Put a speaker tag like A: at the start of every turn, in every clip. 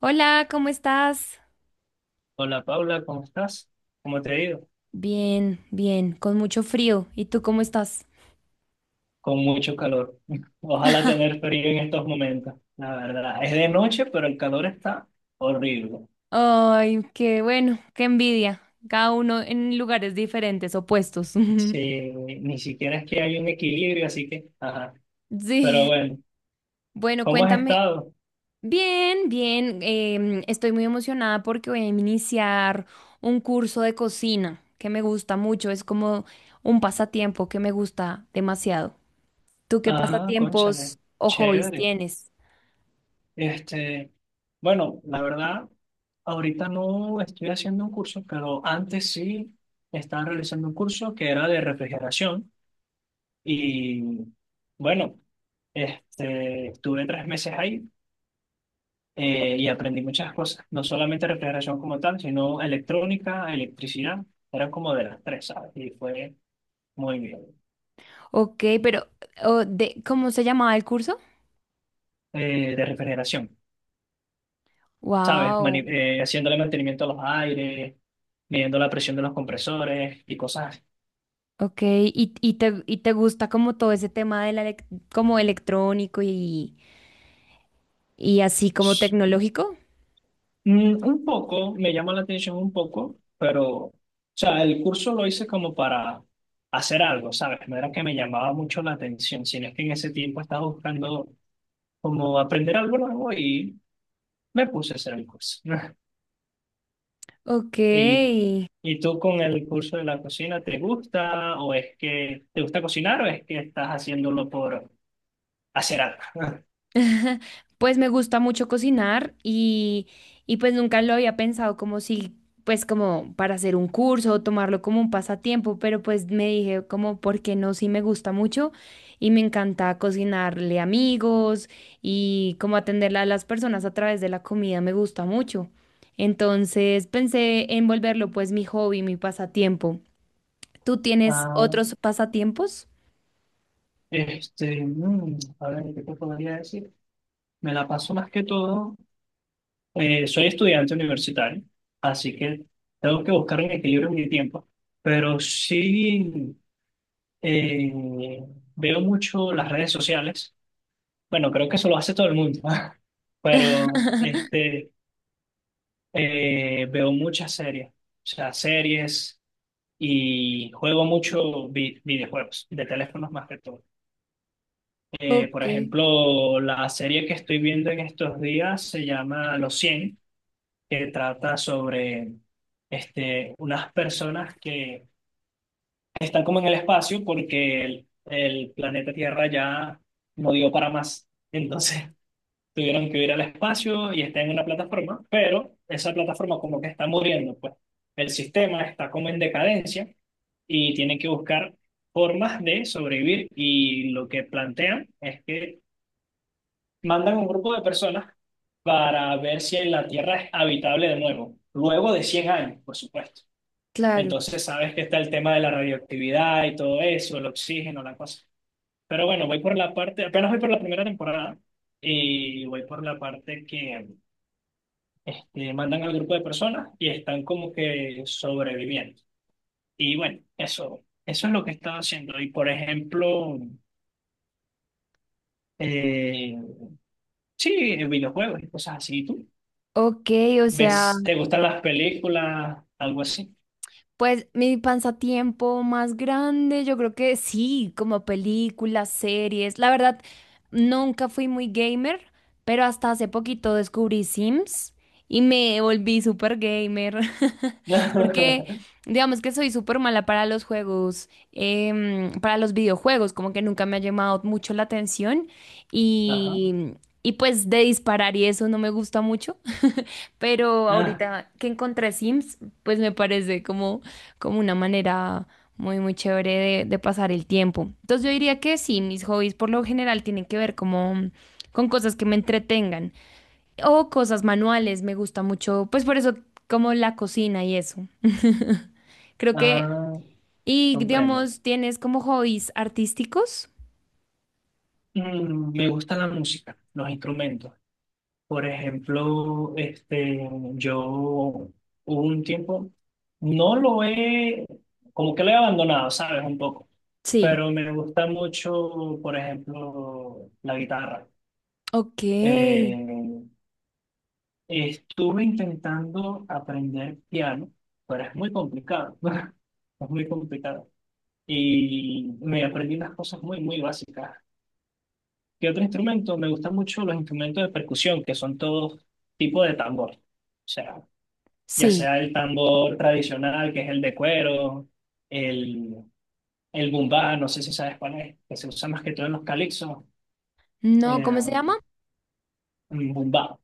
A: Hola, ¿cómo estás?
B: Hola Paula, ¿cómo estás? ¿Cómo te ha ido?
A: Bien, bien, con mucho frío. ¿Y tú cómo estás?
B: Con mucho calor. Ojalá tener frío en estos momentos, la verdad. Es de noche, pero el calor está horrible.
A: Ay, qué bueno, qué envidia. Cada uno en lugares diferentes, opuestos.
B: Sí, ni siquiera es que hay un equilibrio, así que, ajá. Pero
A: Sí.
B: bueno,
A: Bueno,
B: ¿cómo has
A: cuéntame.
B: estado?
A: Bien, bien. Estoy muy emocionada porque voy a iniciar un curso de cocina que me gusta mucho. Es como un pasatiempo que me gusta demasiado. ¿Tú qué
B: Ah,
A: pasatiempos
B: cónchale,
A: o hobbies
B: chévere.
A: tienes?
B: Este, bueno, la verdad, ahorita no estoy haciendo un curso, pero antes sí estaba realizando un curso que era de refrigeración y bueno. Este, estuve 3 meses ahí y aprendí muchas cosas, no solamente refrigeración como tal, sino electrónica, electricidad, eran como de las tres, ¿sabes? Y fue muy bien.
A: Ok, pero o de, ¿cómo se llamaba el curso?
B: De refrigeración, ¿sabes?
A: Wow,
B: Haciéndole mantenimiento a los aires, midiendo la presión de los compresores y cosas
A: ok. ¿Y, y te gusta como todo ese tema de la como electrónico y así como
B: así.
A: tecnológico?
B: Un poco, me llama la atención un poco, pero, o sea, el curso lo hice como para hacer algo, ¿sabes? No era que me llamaba mucho la atención, sino que en ese tiempo estaba buscando como aprender algo nuevo y me puse a hacer el curso.
A: Ok.
B: ¿Y, y tú con el curso de la cocina, te gusta o es que te gusta cocinar o es que estás haciéndolo por hacer algo?
A: Pues me gusta mucho cocinar y pues nunca lo había pensado como si, pues como para hacer un curso o tomarlo como un pasatiempo, pero pues me dije como, ¿por qué no? Sí me gusta mucho y me encanta cocinarle a amigos y como atender a las personas a través de la comida me gusta mucho. Entonces pensé en volverlo pues mi hobby, mi pasatiempo. ¿Tú tienes
B: Ah,
A: otros pasatiempos?
B: este, a ver, ¿qué te podría decir? Me la paso más que todo, soy estudiante universitario, así que tengo que buscar un equilibrio en mi tiempo, pero sí eh, veo mucho las redes sociales. Bueno, creo que eso lo hace todo el mundo, pero este, veo muchas series, o sea, series y juego mucho videojuegos, de teléfonos más que todo. Por
A: Ok,
B: ejemplo, la serie que estoy viendo en estos días se llama Los Cien, que trata sobre este, unas personas que están como en el espacio porque el planeta Tierra ya no dio para más. Entonces tuvieron que ir al espacio y está en una plataforma, pero esa plataforma como que está muriendo, pues el sistema está como en decadencia y tienen que buscar formas de sobrevivir y lo que plantean es que mandan un grupo de personas para ver si la Tierra es habitable de nuevo, luego de 100 años, por supuesto.
A: claro.
B: Entonces sabes que está el tema de la radioactividad y todo eso, el oxígeno, la cosa. Pero bueno, voy por la parte, apenas voy por la primera temporada y voy por la parte que este, mandan al grupo de personas y están como que sobreviviendo. Y bueno, eso es lo que he estado haciendo. Y por ejemplo, eh, sí, videojuegos y cosas así. ¿Tú
A: Ok, o sea.
B: ves, te gustan las películas, algo así?
A: Pues mi pasatiempo más grande, yo creo que sí, como películas, series. La verdad, nunca fui muy gamer, pero hasta hace poquito descubrí Sims y me volví súper gamer. Porque digamos que soy súper mala para los juegos, para los videojuegos, como que nunca me ha llamado mucho la atención
B: Ajá.
A: y, y pues de disparar y eso no me gusta mucho. Pero
B: Ah,
A: ahorita que encontré Sims, pues me parece como, como una manera muy, muy chévere de pasar el tiempo. Entonces yo diría que sí, mis hobbies por lo general tienen que ver como con cosas que me entretengan o cosas manuales, me gusta mucho, pues por eso como la cocina y eso. Creo que,
B: ah,
A: y
B: comprendo.
A: digamos, ¿tienes como hobbies artísticos?
B: Me gusta la música, los instrumentos. Por ejemplo, este, yo hubo un tiempo, no lo he, como que lo he abandonado, ¿sabes? Un poco,
A: Sí,
B: pero me gusta mucho, por ejemplo, la guitarra.
A: ok,
B: Eh, Estuve intentando aprender piano, pero es muy complicado, es muy complicado. Y me aprendí unas cosas muy, muy básicas. ¿Qué otro instrumento? Me gustan mucho los instrumentos de percusión, que son todos tipos de tambor. O sea, ya
A: sí.
B: sea el tambor tradicional, que es el de cuero, el, el bumbá, no sé si sabes cuál es, que se usa más que todo en los calipsos,
A: No,
B: eh,
A: ¿cómo se llama?
B: un bumbá.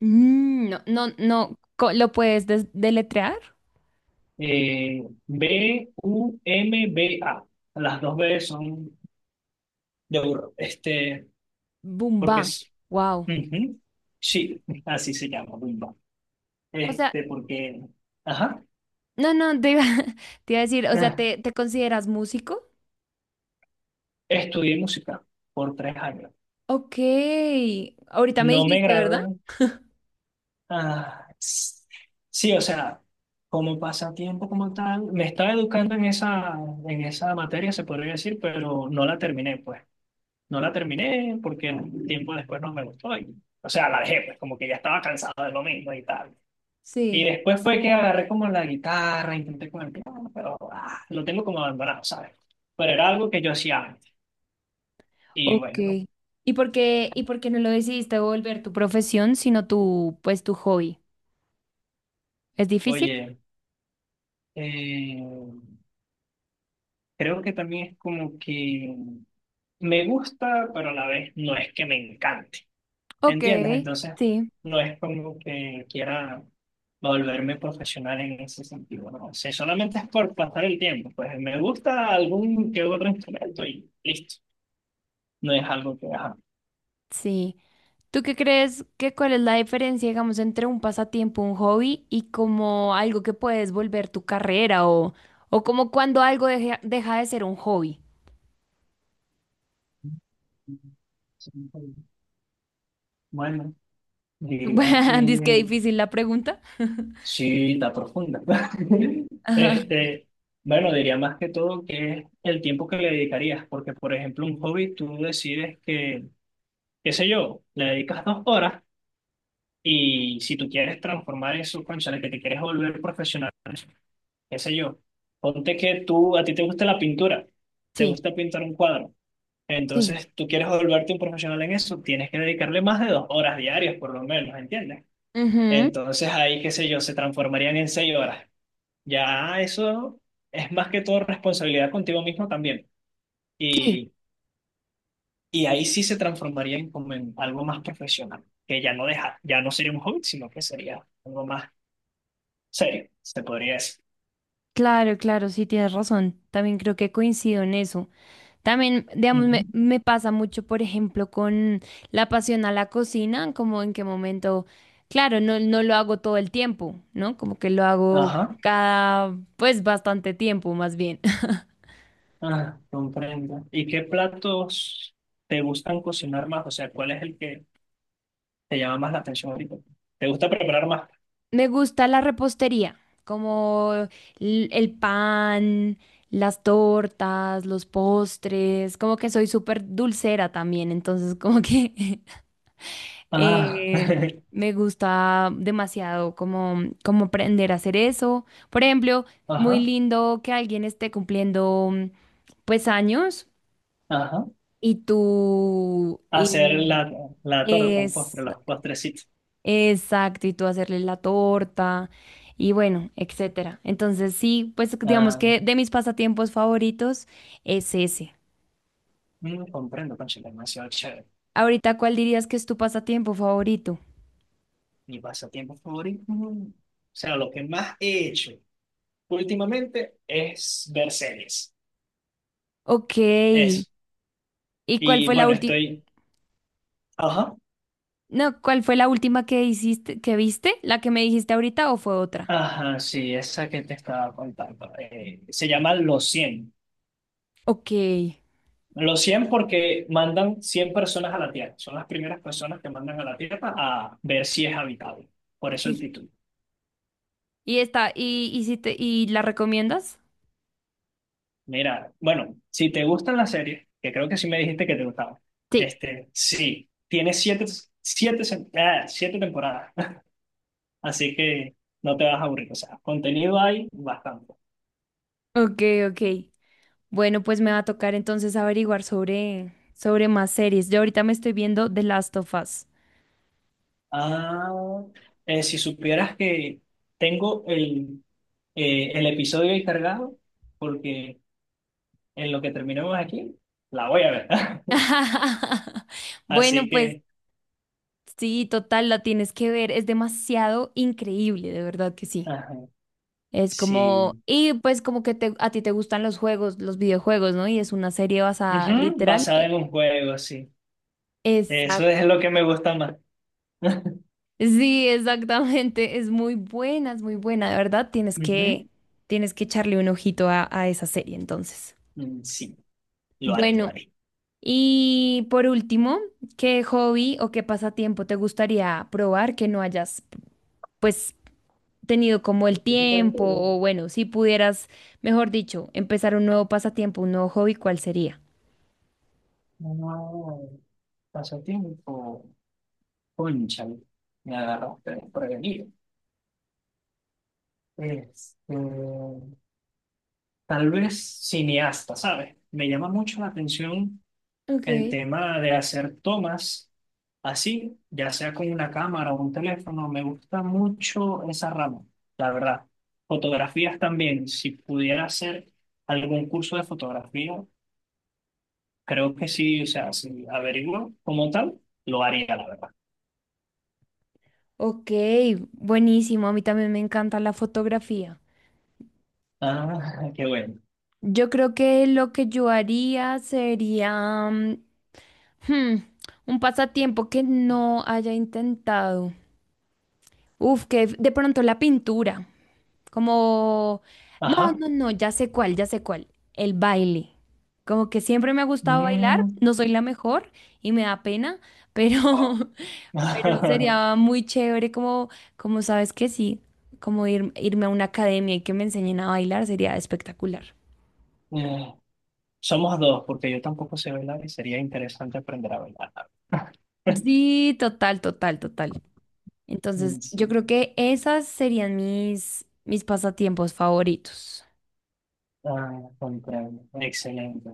A: Mm, no, no, no, ¿lo puedes deletrear?
B: Bumba. Las dos B son de burro, este, porque
A: Bumba,
B: es...
A: wow.
B: Ujú, sí, así se llama, bumba.
A: O sea,
B: Este, porque, ajá,
A: no, no, te iba, te iba a decir, o sea,
B: ah,
A: ¿te, te consideras músico?
B: estudié música por 3 años.
A: Ok, ahorita me
B: No me
A: dijiste, ¿verdad?
B: gradué, ah, sí, o sea, como pasatiempo como tal, me estaba educando en esa materia, se podría decir, pero no la terminé, pues. No la terminé porque tiempo después no me gustó. O sea, la dejé, pues, como que ya estaba cansado de lo mismo y tal. Y
A: Sí.
B: después fue que agarré como la guitarra, intenté con el piano, pero lo tengo como abandonado, ¿sabes? Pero era algo que yo hacía antes. Y
A: Ok.
B: bueno,
A: Y por qué no lo decidiste volver tu profesión, sino tu, pues, tu hobby? ¿Es difícil?
B: oye, eh, creo que también es como que... Me gusta, pero a la vez no es que me encante.
A: Ok,
B: ¿Entiendes? Entonces,
A: sí,
B: no es como que quiera volverme profesional en ese sentido, ¿no? O sea, solamente es por pasar el tiempo. Pues me gusta algún que otro instrumento y listo. No es algo que... ajá.
A: sí. ¿Tú qué crees que cuál es la diferencia, digamos, entre un pasatiempo, un hobby y como algo que puedes volver tu carrera o como cuando algo deja, deja de ser un hobby?
B: Bueno,
A: Bueno,
B: diría que
A: dice que difícil la pregunta.
B: sí, está profunda.
A: Ajá.
B: Este, bueno, diría más que todo que es el tiempo que le dedicarías, porque por ejemplo, un hobby tú decides que qué sé yo, le dedicas 2 horas y si tú quieres transformar eso, cónchale, que te quieres volver profesional, qué sé yo, ponte que tú, a ti te gusta la pintura, te
A: Sí,
B: gusta pintar un cuadro,
A: sí,
B: entonces tú quieres volverte un profesional en eso, tienes que dedicarle más de 2 horas diarias por lo menos, ¿entiendes?
A: ujú,
B: Entonces ahí, qué sé yo, se transformarían en 6 horas. Ya eso es más que todo responsabilidad contigo mismo también.
A: sí.
B: y Y ahí sí se transformaría en como en algo más profesional, que ya no deja, ya no sería un hobby, sino que sería algo más serio, se podría decir.
A: Claro, claro, sí, tienes razón. También creo que coincido en eso. También, digamos, me,
B: Ujú.
A: me pasa mucho, por ejemplo, con la pasión a la cocina, como en qué momento, claro, no, no lo hago todo el tiempo, ¿no? Como que lo hago
B: Ajá,
A: cada, pues, bastante tiempo, más bien.
B: ah, comprendo. ¿Y qué platos te gustan cocinar más? O sea, ¿cuál es el que te llama más la atención ahorita? ¿Te gusta preparar más?
A: Me gusta la repostería, como el pan, las tortas, los postres, como que soy súper dulcera también, entonces como que
B: Ah,
A: eh, me gusta demasiado como, como aprender a hacer eso. Por ejemplo, muy
B: ajá,
A: lindo que alguien esté cumpliendo pues años
B: ajá.
A: y tú
B: Hacer la,
A: y
B: la torta, el
A: es
B: postre, los postrecitos.
A: exacto, y tú hacerle la torta y bueno, etcétera. Entonces, sí, pues digamos
B: Ah,
A: que de mis pasatiempos favoritos es ese.
B: comprendo, concha, demasiado chévere.
A: Ahorita, ¿cuál dirías que es tu pasatiempo favorito?
B: Mi pasatiempo favorito. O sea, lo que más he hecho, últimamente es ver series.
A: Ok. ¿Y
B: Eso.
A: cuál
B: Y
A: fue la
B: bueno,
A: última?
B: estoy... Ajá.
A: No, ¿cuál fue la última que hiciste, que viste? ¿La que me dijiste ahorita o fue otra?
B: Ajá, sí, esa que te estaba contando. Se llama
A: Ok.
B: Los cien porque mandan 100 personas a la Tierra. Son las primeras personas que mandan a la Tierra a ver si es habitable. Por eso el
A: Sí.
B: título.
A: ¿Y esta, y si te, y la recomiendas?
B: Mira, bueno, si te gustan las series, que creo que sí me dijiste que te gustaban,
A: Sí.
B: este, sí, tiene siete temporadas. Así que no te vas a aburrir. O sea, contenido hay bastante.
A: Ok, ok. Bueno, pues me va a tocar entonces averiguar sobre, sobre más series. Yo ahorita me estoy viendo The Last of Us.
B: Ah, si supieras que tengo el episodio ahí cargado, porque en lo que terminemos aquí, la voy a ver.
A: Bueno,
B: Así
A: pues
B: que,
A: sí, total, la tienes que ver. Es demasiado increíble, de verdad que sí.
B: ajá,
A: Es como,
B: sí.
A: y pues como que a ti te gustan los juegos, los videojuegos, ¿no? Y es una serie basada
B: Ujú,
A: literal.
B: basada en un juego, sí. Eso
A: Exacto.
B: es lo que me gusta más.
A: Sí, exactamente. Es muy buena, de verdad.
B: Ujú.
A: Tienes que echarle un ojito a esa serie, entonces.
B: Sí, lo haré, lo
A: Bueno.
B: haré.
A: Y por último, ¿qué hobby o qué pasatiempo te gustaría probar que no hayas, pues, tenido como el tiempo o bueno, si pudieras, mejor dicho, empezar un nuevo pasatiempo, un nuevo hobby, ¿cuál sería?
B: No, pasatiempo. Cónchale, me agarraste desprevenido. Este, tal vez cineasta, ¿sabes? Me llama mucho la atención el
A: Okay,
B: tema de hacer tomas así, ya sea con una cámara o un teléfono. Me gusta mucho esa rama, la verdad. Fotografías también. Si pudiera hacer algún curso de fotografía, creo que sí, o sea, si averiguo como tal, lo haría, la verdad.
A: ok, buenísimo. A mí también me encanta la fotografía.
B: Ah, qué bueno.
A: Yo creo que lo que yo haría sería hmm, un pasatiempo que no haya intentado. Uf, que de pronto la pintura. Como, no,
B: Ajá.
A: no, no, ya sé cuál, ya sé cuál. El baile. Como que siempre me ha gustado bailar,
B: Mm.
A: no soy la mejor y me da pena, pero, pero sería muy chévere como, como sabes que sí, como irme a una academia y que me enseñen a bailar sería espectacular.
B: Eh, Somos dos, porque yo tampoco sé bailar y sería interesante aprender a bailar.
A: Sí, total, total, total. Entonces, yo
B: Sí,
A: creo que esas serían mis, mis pasatiempos favoritos.
B: ah, comprendo. Excelente.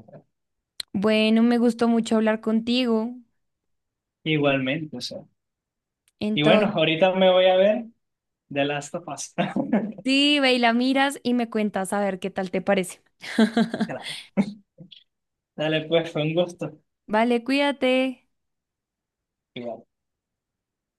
A: Bueno, me gustó mucho hablar contigo.
B: Igualmente, o sea. Y bueno, ahorita me voy a ver The Last of Us.
A: Sí, ve y la miras y me cuentas a ver qué tal te parece.
B: Claro. Dale, pues, fue un gusto.
A: Vale, cuídate.
B: Cuídate.